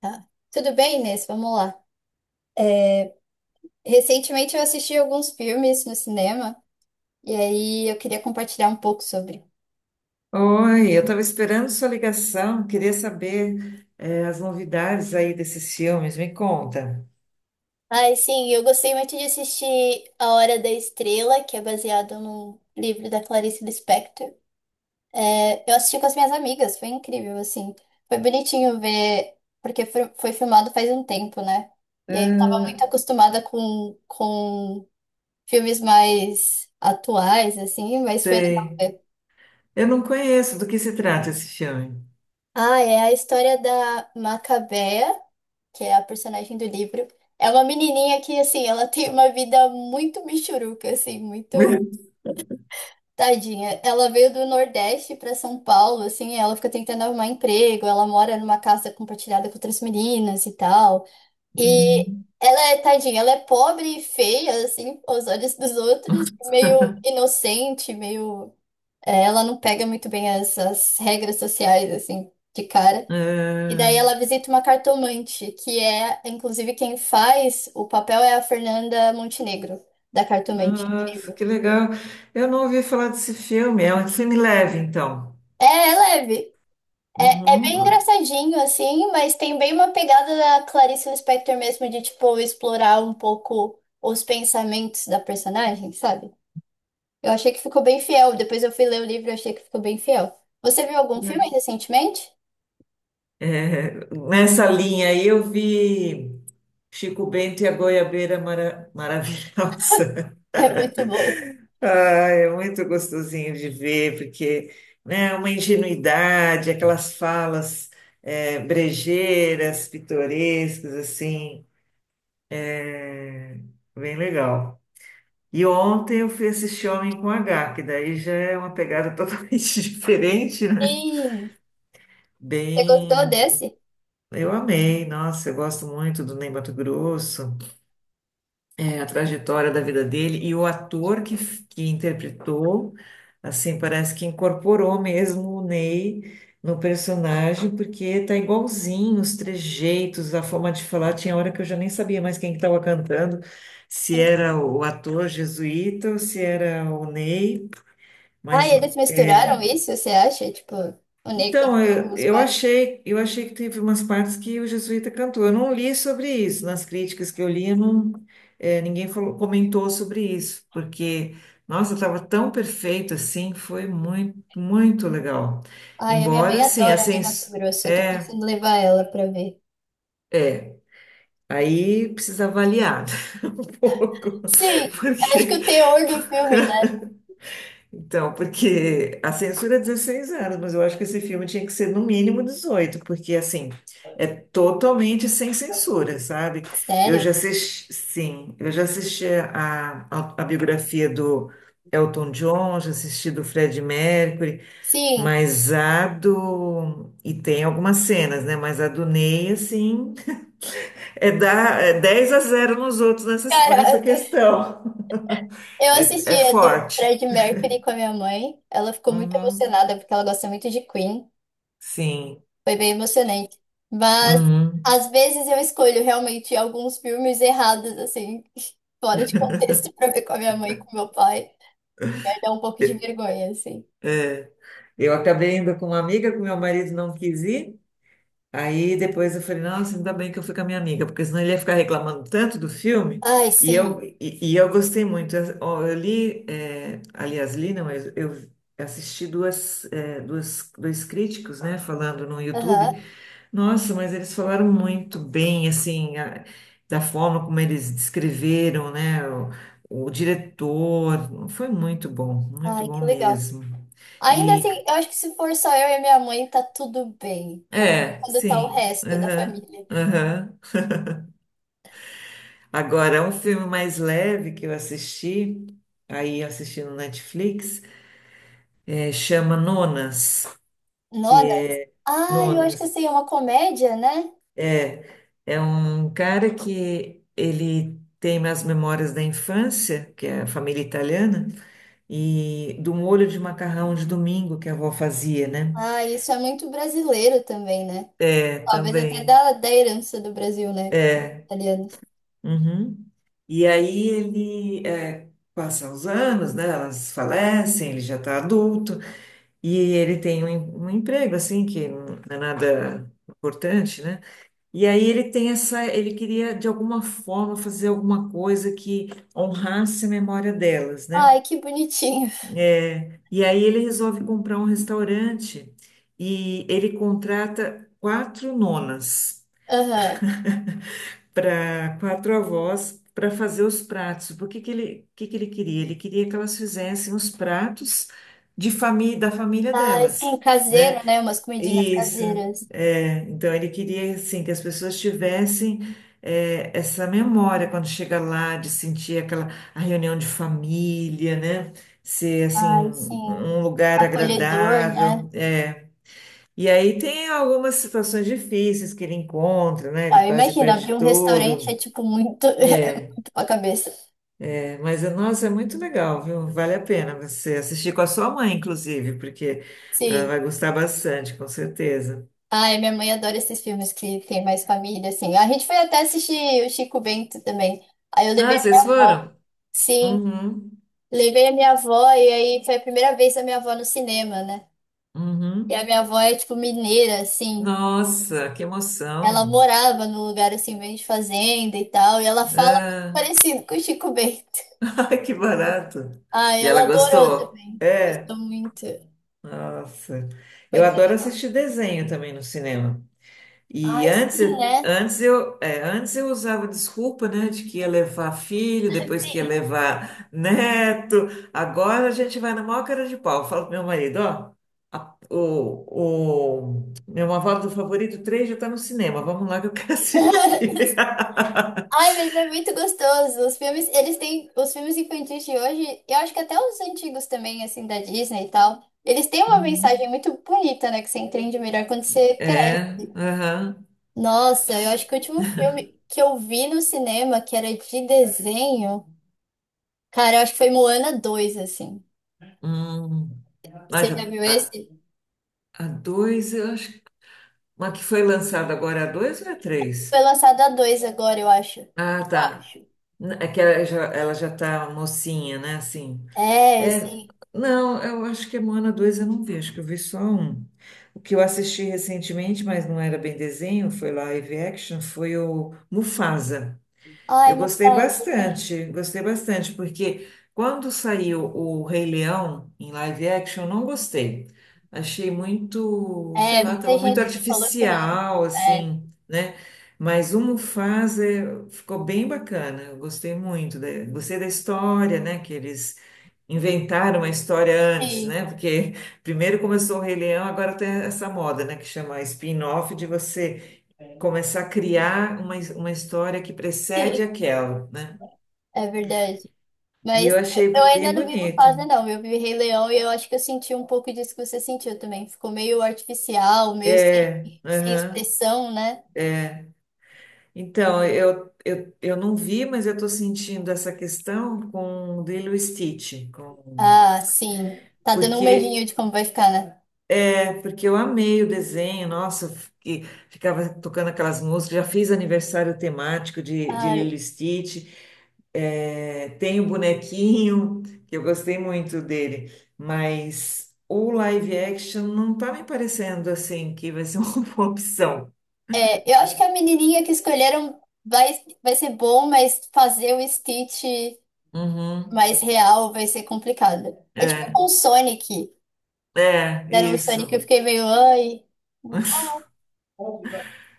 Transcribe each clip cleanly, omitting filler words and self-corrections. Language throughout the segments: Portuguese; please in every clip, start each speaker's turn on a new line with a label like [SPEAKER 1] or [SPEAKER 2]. [SPEAKER 1] Tá. Tudo bem, Inês? Vamos lá. É, Recentemente eu assisti alguns filmes no cinema e aí eu queria compartilhar um pouco sobre.
[SPEAKER 2] Oi, eu estava esperando sua ligação, queria saber as novidades aí desses filmes, me conta.
[SPEAKER 1] Ai, sim, eu gostei muito de assistir A Hora da Estrela, que é baseado num livro da Clarice Lispector. Eu assisti com as minhas amigas, foi incrível, assim. Foi bonitinho ver, porque foi filmado faz um tempo, né? E aí eu tava
[SPEAKER 2] Ah,
[SPEAKER 1] muito acostumada com filmes mais atuais, assim, mas foi legal
[SPEAKER 2] sei.
[SPEAKER 1] ver.
[SPEAKER 2] Eu não conheço, do que se trata esse filme?
[SPEAKER 1] Ah, é a história da Macabea, que é a personagem do livro. É uma menininha que, assim, ela tem uma vida muito michuruca, assim, muito tadinha. Ela veio do Nordeste para São Paulo, assim, ela fica tentando arrumar emprego, ela mora numa casa compartilhada com outras meninas e tal. E
[SPEAKER 2] Hum.
[SPEAKER 1] ela é tadinha, ela é pobre e feia, assim, aos olhos dos outros, meio inocente, meio. É, ela não pega muito bem essas regras sociais, assim, de cara. E daí
[SPEAKER 2] Ah,
[SPEAKER 1] ela visita uma cartomante, que é, inclusive, quem faz o papel é a Fernanda Montenegro, da cartomante.
[SPEAKER 2] nossa,
[SPEAKER 1] Incrível.
[SPEAKER 2] que legal. Eu não ouvi falar desse filme, é um filme leve, então.
[SPEAKER 1] É, é leve. É, é bem
[SPEAKER 2] Uhum.
[SPEAKER 1] engraçadinho, assim, mas tem bem uma pegada da Clarice Lispector mesmo, de, tipo, explorar um pouco os pensamentos da personagem, sabe? Eu achei que ficou bem fiel. Depois eu fui ler o livro e achei que ficou bem fiel. Você viu algum filme recentemente?
[SPEAKER 2] É, nessa linha aí eu vi Chico Bento e a Goiabeira Maravilhosa.
[SPEAKER 1] É muito bom.
[SPEAKER 2] Ah, é muito gostosinho de ver, porque, né, uma ingenuidade, aquelas falas brejeiras, pitorescas, assim, é bem legal. E ontem eu fui assistir Homem com H, que daí já é uma pegada totalmente diferente, né?
[SPEAKER 1] Sim. Você gostou
[SPEAKER 2] Bem,
[SPEAKER 1] desse?
[SPEAKER 2] eu amei, nossa, eu gosto muito do Ney Matogrosso. É, a trajetória da vida dele e o ator que interpretou, assim, parece que incorporou mesmo o Ney no personagem, porque tá igualzinho os trejeitos, a forma de falar. Tinha hora que eu já nem sabia mais quem que estava cantando, se era o ator jesuíta ou se era o Ney,
[SPEAKER 1] Ah,
[SPEAKER 2] mas
[SPEAKER 1] eles misturaram
[SPEAKER 2] é,
[SPEAKER 1] isso, você acha? Tipo, o Ney
[SPEAKER 2] então,
[SPEAKER 1] cantou
[SPEAKER 2] eu,
[SPEAKER 1] algumas
[SPEAKER 2] eu
[SPEAKER 1] partes.
[SPEAKER 2] achei, eu achei que teve umas partes que o Jesuíta cantou. Eu não li sobre isso. Nas críticas que eu li, eu não, ninguém comentou sobre isso, porque, nossa, estava tão perfeito assim, foi muito, muito legal.
[SPEAKER 1] Ai, a minha mãe
[SPEAKER 2] Embora, sim, a
[SPEAKER 1] adora Ney Mato
[SPEAKER 2] sens...
[SPEAKER 1] Grosso. Eu tô
[SPEAKER 2] é,
[SPEAKER 1] pensando em levar ela pra ver.
[SPEAKER 2] é, aí precisa avaliar um pouco,
[SPEAKER 1] Sim, eu acho que
[SPEAKER 2] porque
[SPEAKER 1] o teor do filme, né?
[SPEAKER 2] então, porque a censura é 16 anos, mas eu acho que esse filme tinha que ser no mínimo 18 porque assim, é totalmente sem censura, sabe? Eu já
[SPEAKER 1] Sério?
[SPEAKER 2] assisti, sim, eu já assisti a biografia do Elton John, já assisti do Fred Mercury,
[SPEAKER 1] Sim.
[SPEAKER 2] mas a do. E tem algumas cenas, né? Mas a do Ney, assim, é, dar, é 10 a zero nos outros nessa, nessa
[SPEAKER 1] Caraca,
[SPEAKER 2] questão.
[SPEAKER 1] eu assisti
[SPEAKER 2] É, é
[SPEAKER 1] a do
[SPEAKER 2] forte.
[SPEAKER 1] Fred Mercury com a minha mãe. Ela ficou muito
[SPEAKER 2] Uhum.
[SPEAKER 1] emocionada porque ela gosta muito de Queen.
[SPEAKER 2] Sim.
[SPEAKER 1] Foi bem emocionante. Mas
[SPEAKER 2] Uhum.
[SPEAKER 1] às vezes eu escolho realmente alguns filmes errados, assim, fora de contexto, pra ver com a minha mãe e com meu pai. E aí dá um pouco de vergonha, assim.
[SPEAKER 2] Eu acabei indo com uma amiga que meu marido não quis ir. Aí depois eu falei, nossa, ainda bem que eu fui com a minha amiga, porque senão ele ia ficar reclamando tanto do filme.
[SPEAKER 1] Ai,
[SPEAKER 2] E
[SPEAKER 1] sim.
[SPEAKER 2] eu, e, e eu gostei muito. Eu, ó, eu li, é, aliás, li, não, eu assisti duas, é, duas, dois críticos, né, falando no
[SPEAKER 1] Aham.
[SPEAKER 2] YouTube. Nossa, mas eles falaram muito bem, assim, da forma como eles descreveram, né, o diretor. Foi muito
[SPEAKER 1] Ai, que
[SPEAKER 2] bom
[SPEAKER 1] legal.
[SPEAKER 2] mesmo.
[SPEAKER 1] Ainda
[SPEAKER 2] E,
[SPEAKER 1] assim, eu acho que se for só eu e minha mãe, tá tudo bem. Ou
[SPEAKER 2] é,
[SPEAKER 1] quando tá o
[SPEAKER 2] sim,
[SPEAKER 1] resto da
[SPEAKER 2] aham,
[SPEAKER 1] família.
[SPEAKER 2] aham. Agora, um filme mais leve que eu assisti, aí eu assisti no Netflix, é, chama Nonas, que
[SPEAKER 1] Nona?
[SPEAKER 2] é
[SPEAKER 1] Ai, eu acho que eu sei,
[SPEAKER 2] Nonas.
[SPEAKER 1] é uma comédia, né?
[SPEAKER 2] É, é um cara que ele tem as memórias da infância, que é a família italiana, e do molho de macarrão de domingo que a avó fazia, né?
[SPEAKER 1] Ah, isso é muito brasileiro também, né?
[SPEAKER 2] É,
[SPEAKER 1] Talvez até
[SPEAKER 2] também.
[SPEAKER 1] da herança do Brasil, né? Com os
[SPEAKER 2] É.
[SPEAKER 1] italianos.
[SPEAKER 2] Uhum. E aí ele é, passa os anos, né? Elas falecem, ele já está adulto. E ele tem um emprego, assim, que não é nada importante, né? E aí ele tem essa, ele queria, de alguma forma, fazer alguma coisa que honrasse a memória delas, né?
[SPEAKER 1] Ai, que bonitinho.
[SPEAKER 2] É, e aí ele resolve comprar um restaurante e ele contrata 4 nonas
[SPEAKER 1] Aham.
[SPEAKER 2] para 4 avós para fazer os pratos. Por que que ele queria? Ele queria que elas fizessem os pratos de família da família
[SPEAKER 1] Ai, sim,
[SPEAKER 2] delas, né?
[SPEAKER 1] caseiro, né? Umas comidinhas
[SPEAKER 2] Isso,
[SPEAKER 1] caseiras.
[SPEAKER 2] é, então ele queria assim que as pessoas tivessem é, essa memória quando chega lá de sentir aquela a reunião de família, né? Ser assim
[SPEAKER 1] Ai, sim.
[SPEAKER 2] um lugar
[SPEAKER 1] Acolhedor, né?
[SPEAKER 2] agradável, é. E aí tem algumas situações difíceis que ele encontra, né? Ele
[SPEAKER 1] Ah,
[SPEAKER 2] quase
[SPEAKER 1] imagina, abrir
[SPEAKER 2] perde
[SPEAKER 1] um restaurante é
[SPEAKER 2] tudo,
[SPEAKER 1] tipo muito, é
[SPEAKER 2] é.
[SPEAKER 1] muito pra cabeça.
[SPEAKER 2] É, mas nossa, é muito legal, viu? Vale a pena você assistir com a sua mãe, inclusive, porque ela
[SPEAKER 1] Sim.
[SPEAKER 2] vai gostar bastante, com certeza.
[SPEAKER 1] Ai, minha mãe adora esses filmes que tem mais família, assim. A gente foi até assistir o Chico Bento também. Aí eu levei
[SPEAKER 2] Ah,
[SPEAKER 1] minha
[SPEAKER 2] vocês
[SPEAKER 1] avó.
[SPEAKER 2] foram?
[SPEAKER 1] Sim,
[SPEAKER 2] Uhum,
[SPEAKER 1] levei a minha avó e aí foi a primeira vez da minha avó no cinema, né? E a
[SPEAKER 2] uhum.
[SPEAKER 1] minha avó é tipo mineira, assim.
[SPEAKER 2] Nossa, que
[SPEAKER 1] Ela
[SPEAKER 2] emoção.
[SPEAKER 1] morava num lugar assim, meio de fazenda e tal, e ela fala muito
[SPEAKER 2] Ah,
[SPEAKER 1] parecido com o Chico Bento.
[SPEAKER 2] ai, que barato.
[SPEAKER 1] Ai,
[SPEAKER 2] E
[SPEAKER 1] ela
[SPEAKER 2] ela
[SPEAKER 1] adorou
[SPEAKER 2] gostou?
[SPEAKER 1] também.
[SPEAKER 2] É,
[SPEAKER 1] Gostou muito.
[SPEAKER 2] nossa.
[SPEAKER 1] Foi
[SPEAKER 2] Eu
[SPEAKER 1] bem
[SPEAKER 2] adoro
[SPEAKER 1] legal.
[SPEAKER 2] assistir desenho também no cinema. E
[SPEAKER 1] Ai,
[SPEAKER 2] antes,
[SPEAKER 1] sim, né?
[SPEAKER 2] antes eu usava desculpa, né, de que ia levar filho, depois que ia levar neto. Agora a gente vai na maior cara de pau. Eu falo pro meu marido, ó, o meu avó do Favorito três já tá no cinema. Vamos lá que eu quero assistir.
[SPEAKER 1] Ai, mas é muito gostoso. Os filmes, eles têm, os filmes infantis de hoje, eu acho que até os antigos também, assim, da Disney e tal, eles têm uma mensagem
[SPEAKER 2] Hum,
[SPEAKER 1] muito bonita, né, que você entende melhor quando você cresce.
[SPEAKER 2] É, aham.
[SPEAKER 1] Nossa, eu acho que o último filme que eu vi no cinema, que era de desenho, cara, eu acho que foi Moana dois, assim.
[SPEAKER 2] Hum. Ah,
[SPEAKER 1] Você já
[SPEAKER 2] já,
[SPEAKER 1] viu esse?
[SPEAKER 2] a dois, eu acho. Que- mas que foi lançada agora é a dois ou é a
[SPEAKER 1] Foi
[SPEAKER 2] três?
[SPEAKER 1] lançado a 2 agora, eu acho.
[SPEAKER 2] Ah,
[SPEAKER 1] Eu
[SPEAKER 2] tá.
[SPEAKER 1] acho.
[SPEAKER 2] N- é que ela já tá mocinha, né? Assim.
[SPEAKER 1] É,
[SPEAKER 2] É,
[SPEAKER 1] assim.
[SPEAKER 2] não, eu acho que a Moana 2 eu não vi, acho que eu vi só um. O que eu assisti recentemente, mas não era bem desenho, foi live action, foi o Mufasa.
[SPEAKER 1] Ai,
[SPEAKER 2] Eu
[SPEAKER 1] Mufasa, assim.
[SPEAKER 2] gostei bastante, porque quando saiu o Rei Leão em live action, eu não gostei. Achei muito, sei
[SPEAKER 1] É,
[SPEAKER 2] lá,
[SPEAKER 1] muita
[SPEAKER 2] estava muito
[SPEAKER 1] gente falou que não.
[SPEAKER 2] artificial,
[SPEAKER 1] É,
[SPEAKER 2] assim, né? Mas o Mufasa é, ficou bem bacana, eu gostei muito, da, gostei da história, né? Que eles inventaram a história antes,
[SPEAKER 1] sim.
[SPEAKER 2] né? Porque primeiro começou o Rei Leão, agora tem essa moda, né? Que chama spin-off de você começar a criar uma história que precede aquela, né?
[SPEAKER 1] É verdade.
[SPEAKER 2] E
[SPEAKER 1] Mas
[SPEAKER 2] eu achei
[SPEAKER 1] eu
[SPEAKER 2] bem
[SPEAKER 1] ainda não vi
[SPEAKER 2] bonito.
[SPEAKER 1] Mufasa, não. Eu vi Rei Leão e eu acho que eu senti um pouco disso que você sentiu também. Ficou meio artificial, meio sem,
[SPEAKER 2] É,
[SPEAKER 1] sem
[SPEAKER 2] aham.
[SPEAKER 1] expressão, né?
[SPEAKER 2] Então, eu não vi, mas eu estou sentindo essa questão com o Lilo e Stitch, com...
[SPEAKER 1] Ah, sim. Tá dando um
[SPEAKER 2] porque
[SPEAKER 1] medinho de como vai ficar, né?
[SPEAKER 2] é porque eu amei o desenho, nossa, que ficava tocando aquelas músicas, já fiz aniversário temático de
[SPEAKER 1] Ai,
[SPEAKER 2] Lilo e Stitch, é, tem o bonequinho, que eu gostei muito dele, mas o live action não tá me parecendo assim que vai ser uma boa opção.
[SPEAKER 1] é, eu acho que a menininha que escolheram vai ser bom, mas fazer o Stitch
[SPEAKER 2] Uhum,
[SPEAKER 1] mais real vai ser complicado. É tipo
[SPEAKER 2] é,
[SPEAKER 1] com o Sonic.
[SPEAKER 2] é,
[SPEAKER 1] Deram o Sonic, eu
[SPEAKER 2] isso.
[SPEAKER 1] fiquei meio, ai.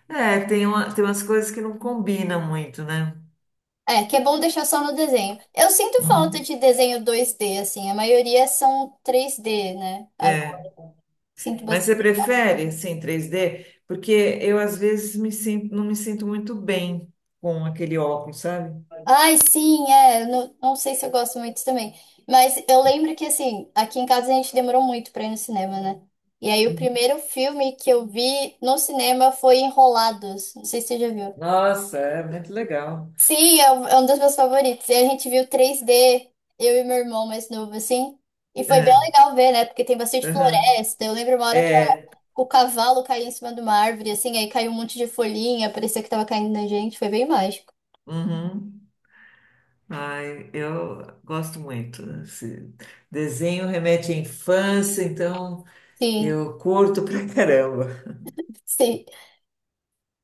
[SPEAKER 2] É, tem uma, tem umas coisas que não combinam muito, né?
[SPEAKER 1] É, que é bom deixar só no desenho. Eu sinto falta
[SPEAKER 2] Uhum,
[SPEAKER 1] de desenho 2D, assim. A maioria são 3D, né? A-
[SPEAKER 2] é.
[SPEAKER 1] Sinto
[SPEAKER 2] Mas você
[SPEAKER 1] bastante.
[SPEAKER 2] prefere sem 3D? Porque eu às vezes me sinto, não me sinto muito bem com aquele óculos, sabe?
[SPEAKER 1] Ai, sim, é. Eu não, não sei se eu gosto muito também. Mas eu lembro que, assim, aqui em casa a gente demorou muito pra ir no cinema, né? E aí o primeiro filme que eu vi no cinema foi Enrolados. Não sei se você já viu.
[SPEAKER 2] Nossa, é muito legal.
[SPEAKER 1] Sim, é um dos meus favoritos. E a gente viu 3D, eu e meu irmão mais novo, assim. E foi bem
[SPEAKER 2] É,
[SPEAKER 1] legal ver, né? Porque tem bastante
[SPEAKER 2] aham,
[SPEAKER 1] floresta. Eu lembro uma hora que
[SPEAKER 2] é,
[SPEAKER 1] o cavalo caiu em cima de uma árvore, assim, aí caiu um monte de folhinha, parecia que tava caindo na gente, foi bem mágico.
[SPEAKER 2] uhum. Ai, eu gosto muito. Esse desenho remete à infância, então
[SPEAKER 1] Sim,
[SPEAKER 2] eu curto pra caramba.
[SPEAKER 1] sim.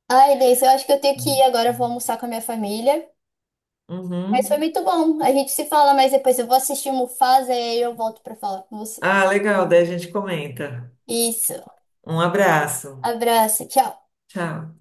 [SPEAKER 1] Ai, Inês, eu acho que eu tenho que ir agora, eu vou almoçar com a minha família. Mas foi
[SPEAKER 2] Uhum.
[SPEAKER 1] muito bom. A gente se fala mais depois. Eu vou assistir Mufasa e aí eu volto pra falar com você.
[SPEAKER 2] Ah, legal, daí a gente comenta.
[SPEAKER 1] Isso.
[SPEAKER 2] Um abraço.
[SPEAKER 1] Abraço, tchau.
[SPEAKER 2] Tchau.